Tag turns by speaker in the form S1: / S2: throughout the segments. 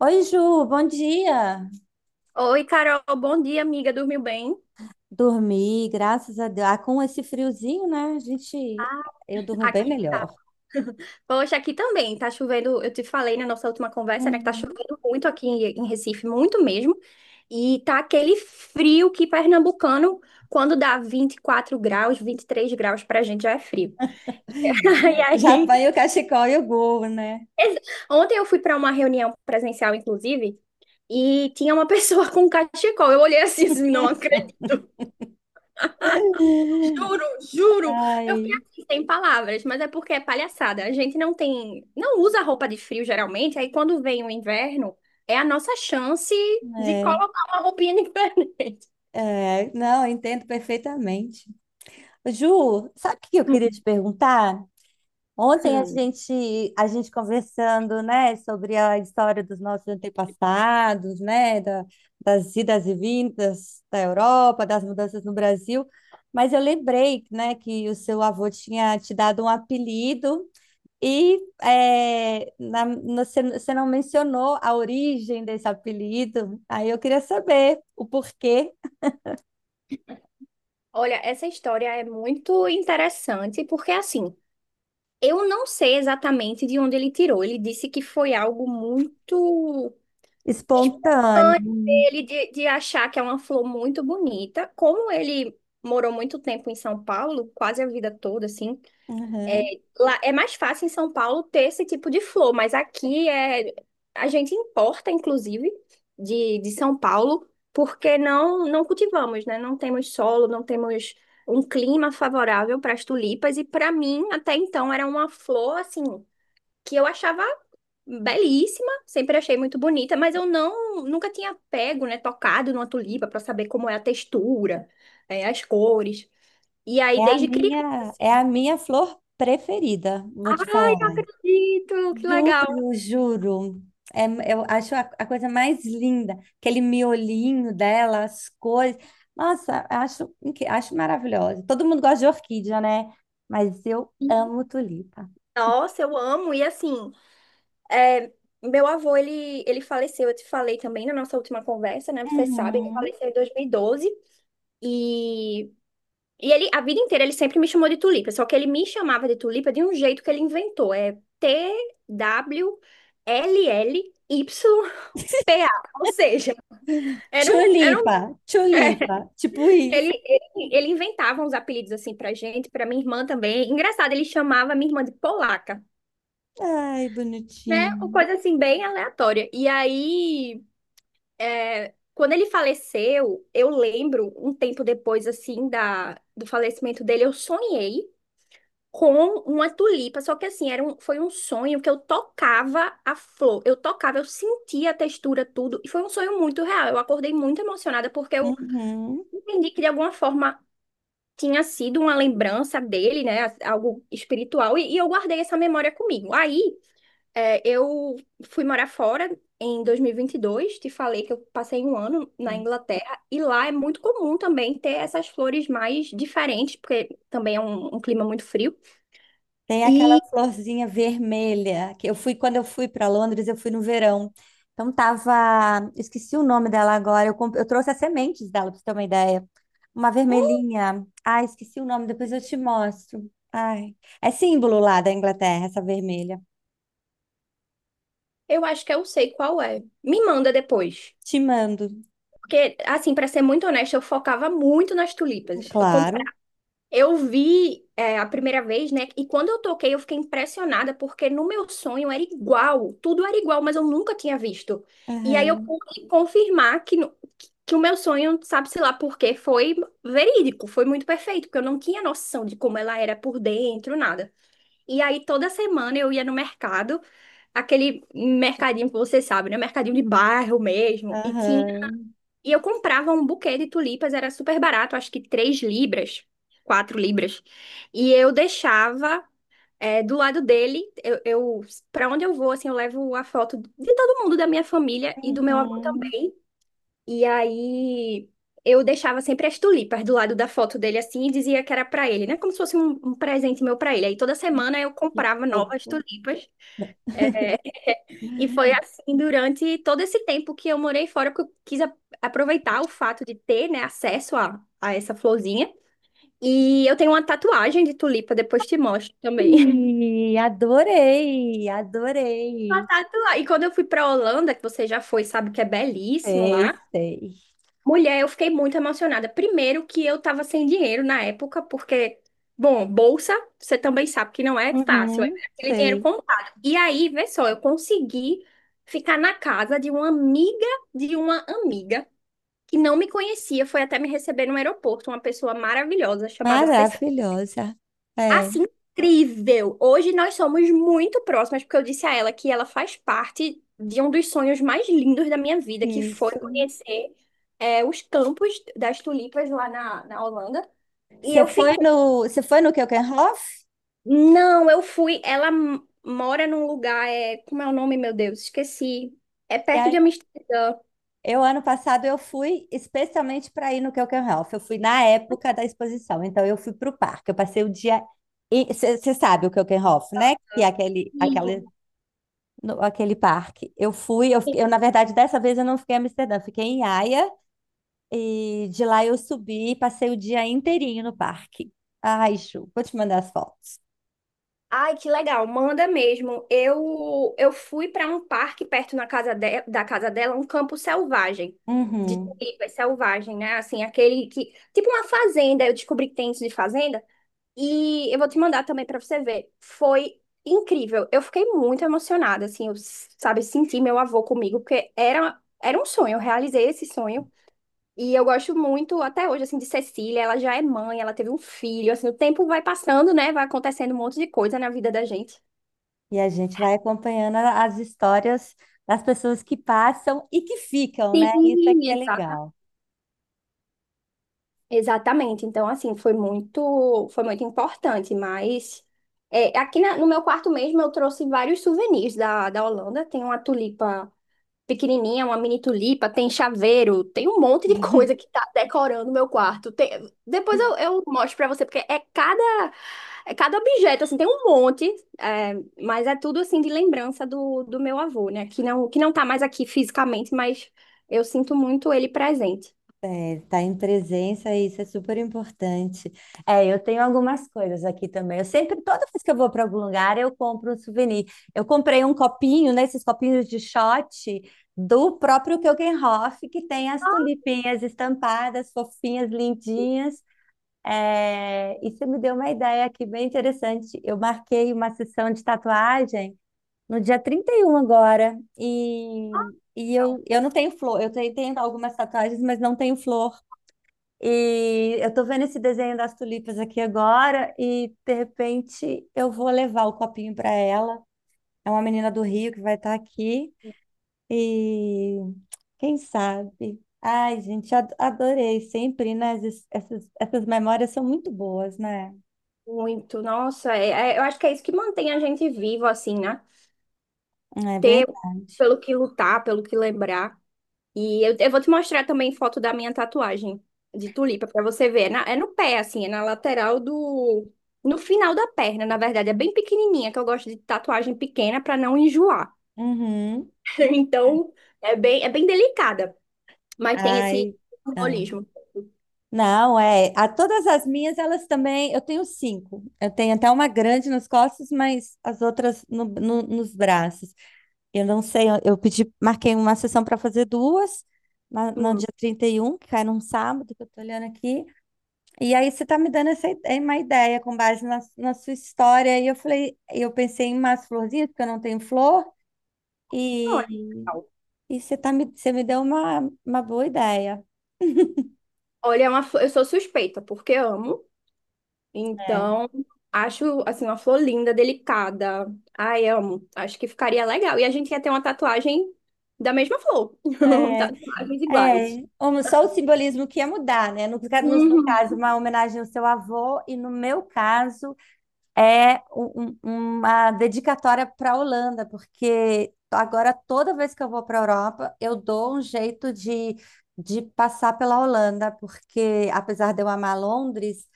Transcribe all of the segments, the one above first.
S1: Oi, Ju, bom dia.
S2: Oi, Carol, bom dia, amiga. Dormiu bem?
S1: Dormi, graças a Deus. Ah, com esse friozinho, né? Eu durmo bem
S2: Aqui.
S1: melhor.
S2: Poxa, aqui também tá chovendo. Eu te falei na nossa última conversa, né, que tá
S1: Uhum.
S2: chovendo muito aqui em Recife, muito mesmo. E tá aquele frio que pernambucano, quando dá 24 graus, 23 graus pra gente já é frio. E
S1: Já
S2: aí,
S1: apanhei o cachecol e o gorro, né?
S2: ex- ontem eu fui pra uma reunião presencial, inclusive, e tinha uma pessoa com cachecol. Eu olhei assim, assim, não acredito. Juro, juro. Eu fiquei
S1: Ai,
S2: assim, sem palavras, mas é porque é palhaçada. A gente não tem, não usa roupa de frio geralmente, aí quando vem o inverno, é a nossa chance de
S1: é,
S2: colocar uma roupinha diferente.
S1: não, eu entendo perfeitamente. Ju, sabe o que eu queria te
S2: Hum.
S1: perguntar? Ontem
S2: Sim.
S1: a gente conversando, né, sobre a história dos nossos antepassados, né, das idas e vindas da Europa, das mudanças no Brasil, mas eu lembrei, né, que o seu avô tinha te dado um apelido e você não mencionou a origem desse apelido, aí eu queria saber o porquê.
S2: Olha, essa história é muito interessante, porque assim, eu não sei exatamente de onde ele tirou. Ele disse que foi algo muito
S1: Espontâneo.
S2: espontâneo dele de achar que é uma flor muito bonita, como ele morou muito tempo em São Paulo, quase a vida toda, assim,
S1: Uhum.
S2: lá é mais fácil em São Paulo ter esse tipo de flor, mas aqui é a gente importa, inclusive, de São Paulo, porque não cultivamos, né? Não temos solo, não temos um clima favorável para as tulipas e para mim até então era uma flor assim que eu achava belíssima, sempre achei muito bonita, mas eu não nunca tinha pego, né, tocado numa tulipa para saber como é a textura, as cores. E aí
S1: É a
S2: desde criança
S1: minha, é
S2: assim,
S1: a minha flor preferida, vou te
S2: ai, não
S1: falar.
S2: acredito, que legal.
S1: Juro, juro. É, eu acho a coisa mais linda, aquele miolinho dela, as cores. Nossa, acho maravilhosa. Todo mundo gosta de orquídea, né? Mas eu amo tulipa.
S2: Nossa, eu amo e assim, é, meu avô ele faleceu, eu te falei também na nossa última conversa, né? Você sabe, ele
S1: Uhum.
S2: faleceu em 2012 e E ele, a vida inteira, ele sempre me chamou de Tulipa, só que ele me chamava de Tulipa de um jeito que ele inventou. É T-W-L-L-Y-P-A. Ou seja, era um, era um,
S1: Tulipa, tulipa, tipo
S2: ele,
S1: isso.
S2: ele, ele inventava uns apelidos assim pra gente, pra minha irmã também. Engraçado, ele chamava minha irmã de Polaca,
S1: Ai,
S2: né? Uma
S1: bonitinho.
S2: coisa assim, bem aleatória. E aí, quando ele faleceu, eu lembro, um tempo depois, assim, da, do falecimento dele, eu sonhei com uma tulipa. Só que assim, era um, foi um sonho que eu tocava a flor. Eu tocava, eu sentia a textura, tudo. E foi um sonho muito real. Eu acordei muito emocionada porque eu
S1: Uhum.
S2: entendi que de alguma forma tinha sido uma lembrança dele, né? Algo espiritual. E eu guardei essa memória comigo. Aí, é, eu fui morar fora. Em 2022, te falei que eu passei um ano na Inglaterra e lá é muito comum também ter essas flores mais diferentes, porque também é um clima muito frio.
S1: Tem aquela
S2: e
S1: florzinha vermelha que eu fui quando eu fui para Londres, eu fui no verão. Então tava, esqueci o nome dela agora. Eu trouxe as sementes dela para você ter uma ideia. Uma vermelhinha. Ai, esqueci o nome, depois eu te mostro. Ai, é símbolo lá da Inglaterra essa vermelha.
S2: Eu acho que eu sei qual é. Me manda depois.
S1: Te mando,
S2: Porque, assim, pra ser muito honesta, eu focava muito nas tulipas. Eu, compra-
S1: claro.
S2: eu vi a primeira vez, né? E quando eu toquei, eu fiquei impressionada, porque no meu sonho era igual. Tudo era igual, mas eu nunca tinha visto. E aí eu
S1: Aham,
S2: pude confirmar que, que o meu sonho, sabe-se lá por quê, foi verídico, foi muito perfeito, porque eu não tinha noção de como ela era por dentro, nada. E aí toda semana eu ia no mercado aquele mercadinho que você sabe, né? Mercadinho de bairro mesmo. E tinha.
S1: aham.
S2: E eu comprava um buquê de tulipas, era super barato, acho que £3, £4. E eu deixava do lado dele, eu para onde eu vou, assim, eu levo a foto de todo mundo da minha família e do meu avô
S1: Uhum.
S2: também. E aí eu deixava sempre as tulipas do lado da foto dele assim e dizia que era pra ele, né? Como se fosse um, um presente meu pra ele. Aí toda semana eu
S1: Que
S2: comprava novas
S1: fofo.
S2: tulipas. E foi assim durante todo esse tempo que eu morei fora, porque eu quis aproveitar o fato de ter, né, acesso a essa florzinha. E eu tenho uma tatuagem de tulipa, depois te mostro também.
S1: Ih, adorei, adorei.
S2: Uma tatuagem. E quando eu fui pra Holanda, que você já foi, sabe que é belíssimo lá.
S1: Sei, sei.
S2: Mulher, eu fiquei muito emocionada. Primeiro que eu tava sem dinheiro na época, porque, bom, bolsa, você também sabe que não é fácil, é
S1: Uhum,
S2: aquele dinheiro
S1: sei.
S2: contado. E aí, vê só, eu consegui ficar na casa de uma amiga que não me conhecia, foi até me receber no aeroporto, uma pessoa maravilhosa chamada Cecília.
S1: Maravilhosa. É,
S2: Assim, incrível! Hoje nós somos muito próximas, porque eu disse a ela que ela faz parte de um dos sonhos mais lindos da minha vida, que foi
S1: isso.
S2: conhecer os campos das tulipas lá na, na Holanda. E eu fiquei.
S1: Você foi no Keukenhof?
S2: Não, eu fui. Mora num lugar. É. Como é o nome, meu Deus? Esqueci. É
S1: E
S2: perto
S1: aí,
S2: de Amsterdã.
S1: eu, ano passado, eu fui especialmente para ir no Keukenhof. Eu fui na época da exposição, então eu fui para o parque. Eu passei o dia. Você sabe o Keukenhof, né? Que é aquele, aquele, no- aquele parque.
S2: Sim.
S1: Eu, na verdade, dessa vez eu não fiquei em Amsterdã, eu fiquei em Haia. E de lá eu subi e passei o dia inteirinho no parque. Ai, Ju, vou te mandar as fotos.
S2: Ai, que legal, manda mesmo. Eu fui para um parque perto na casa da casa dela, um campo selvagem, de
S1: Uhum.
S2: tulipas selvagem, né? Assim, aquele que tipo uma fazenda, eu descobri que tem isso de fazenda e eu vou te mandar também para você ver. Foi incrível. Eu fiquei muito emocionada, assim, eu, sabe, senti meu avô comigo, porque era um sonho, eu realizei esse sonho. E eu gosto muito, até hoje, assim, de Cecília. Ela já é mãe, ela teve um filho. Assim, o tempo vai passando, né? Vai acontecendo um monte de coisa na vida da gente.
S1: E a gente vai acompanhando as histórias das pessoas que passam e que ficam, né? Isso
S2: Sim,
S1: aqui é
S2: exata.
S1: legal.
S2: Exatamente. Então, assim, foi muito importante. Mas aqui no meu quarto mesmo, eu trouxe vários souvenirs da, da Holanda. Tem uma tulipa pequenininha, uma mini tulipa, tem chaveiro, tem um monte de coisa que tá decorando o meu quarto. Depois eu mostro pra você, porque é cada objeto, assim, tem um monte, é, mas é tudo, assim, de lembrança do meu avô, né? Que não tá mais aqui fisicamente, mas eu sinto muito ele presente.
S1: É, tá em presença, isso é super importante. É, eu tenho algumas coisas aqui também. Eu sempre, toda vez que eu vou para algum lugar, eu compro um souvenir. Eu comprei um copinho, né? Esses copinhos de shot do próprio Keukenhof, que tem as tulipinhas estampadas, fofinhas, lindinhas. É, e você me deu uma ideia aqui bem interessante. Eu marquei uma sessão de tatuagem no dia 31 agora. E eu não tenho flor. Eu tenho, tenho algumas tatuagens, mas não tenho flor. E eu tô vendo esse desenho das tulipas aqui agora. E de repente eu vou levar o copinho para ela. É uma menina do Rio que vai estar aqui. E quem sabe? Ai, gente, adorei sempre, né? Essas memórias são muito boas, né?
S2: Muito, nossa, eu acho que é isso que mantém a gente vivo, assim, né?
S1: É
S2: Ter
S1: verdade.
S2: pelo que lutar, pelo que lembrar. E eu vou te mostrar também foto da minha tatuagem de tulipa para você ver. É, é no pé, assim, é na lateral do. No final da perna, na verdade, é bem pequenininha, que eu gosto de tatuagem pequena para não enjoar.
S1: Uhum.
S2: Então, é bem delicada, mas tem esse
S1: Ai. Ah.
S2: simbolismo.
S1: Não, é. A todas as minhas, elas também. Eu tenho 5. Eu tenho até uma grande nas costas, mas as outras nos braços. Eu não sei. Eu pedi, marquei uma sessão para fazer duas no
S2: Hum,
S1: dia 31, que cai num sábado, que eu tô olhando aqui. E aí você tá me dando essa ideia, uma ideia com base na sua história. Eu pensei em umas florzinhas, porque eu não tenho flor.
S2: olha,
S1: E
S2: legal.
S1: e você tá me, você me deu uma boa ideia.
S2: Olha, eu sou suspeita, porque amo. Então, acho assim uma flor linda, delicada. Ai, amo. Acho que ficaria legal. E a gente ia ter uma tatuagem da mesma flor.
S1: É,
S2: Tatuagens iguais.
S1: é. Um- só o simbolismo que ia mudar, né? No seu caso,
S2: Uhum.
S1: uma homenagem ao seu avô, e no meu caso, é uma dedicatória para a Holanda, porque agora toda vez que eu vou para a Europa, eu dou um jeito de passar pela Holanda, porque apesar de eu amar Londres,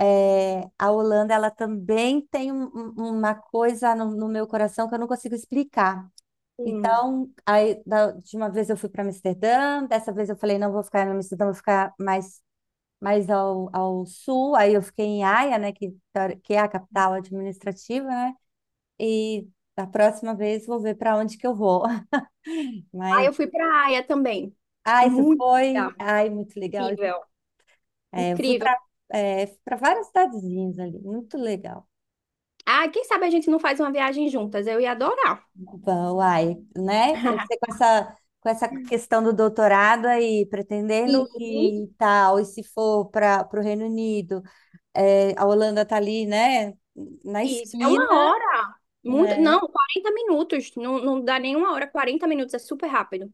S1: é, a Holanda ela também tem uma coisa no meu coração que eu não consigo explicar.
S2: Hum.
S1: Então, aí, da última vez eu fui para Amsterdã, dessa vez eu falei, não vou ficar em Amsterdã, mais ao sul. Aí eu fiquei em Haia, né, que, teori- que é a capital administrativa, né? E da próxima vez vou ver para onde que eu vou.
S2: Aí
S1: Mas,
S2: eu fui pra Aia também.
S1: ah, isso
S2: Muito
S1: foi,
S2: legal.
S1: ai, muito legal.
S2: Incrível,
S1: É, eu fui para
S2: incrível.
S1: para várias cidadezinhas ali, muito legal.
S2: Ah, quem sabe a gente não faz uma viagem juntas? Eu ia adorar.
S1: Bom, Uai, né? Você com essa questão do doutorado aí,
S2: Sim,
S1: pretendendo e tal, e se for para o Reino Unido, é, a Holanda tá ali, né? Na
S2: isso. É
S1: esquina,
S2: uma hora. Muito,
S1: né?
S2: não, 40 minutos. Não, não dá nenhuma hora, 40 minutos. É super rápido.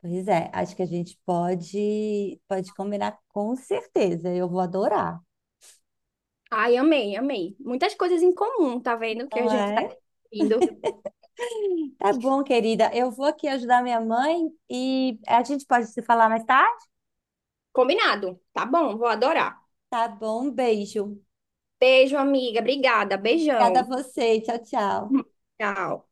S1: Pois é, acho que pode combinar com certeza. Eu vou adorar.
S2: Ai, amei, amei. Muitas coisas em comum, tá vendo? Que a
S1: Não
S2: gente tá
S1: é?
S2: indo.
S1: Tá bom, querida. Eu vou aqui ajudar minha mãe e a gente pode se falar mais tarde?
S2: Combinado. Tá bom, vou adorar.
S1: Tá bom, um beijo.
S2: Beijo, amiga. Obrigada.
S1: Obrigada a
S2: Beijão.
S1: você. Tchau, tchau.
S2: Hum, Tchau.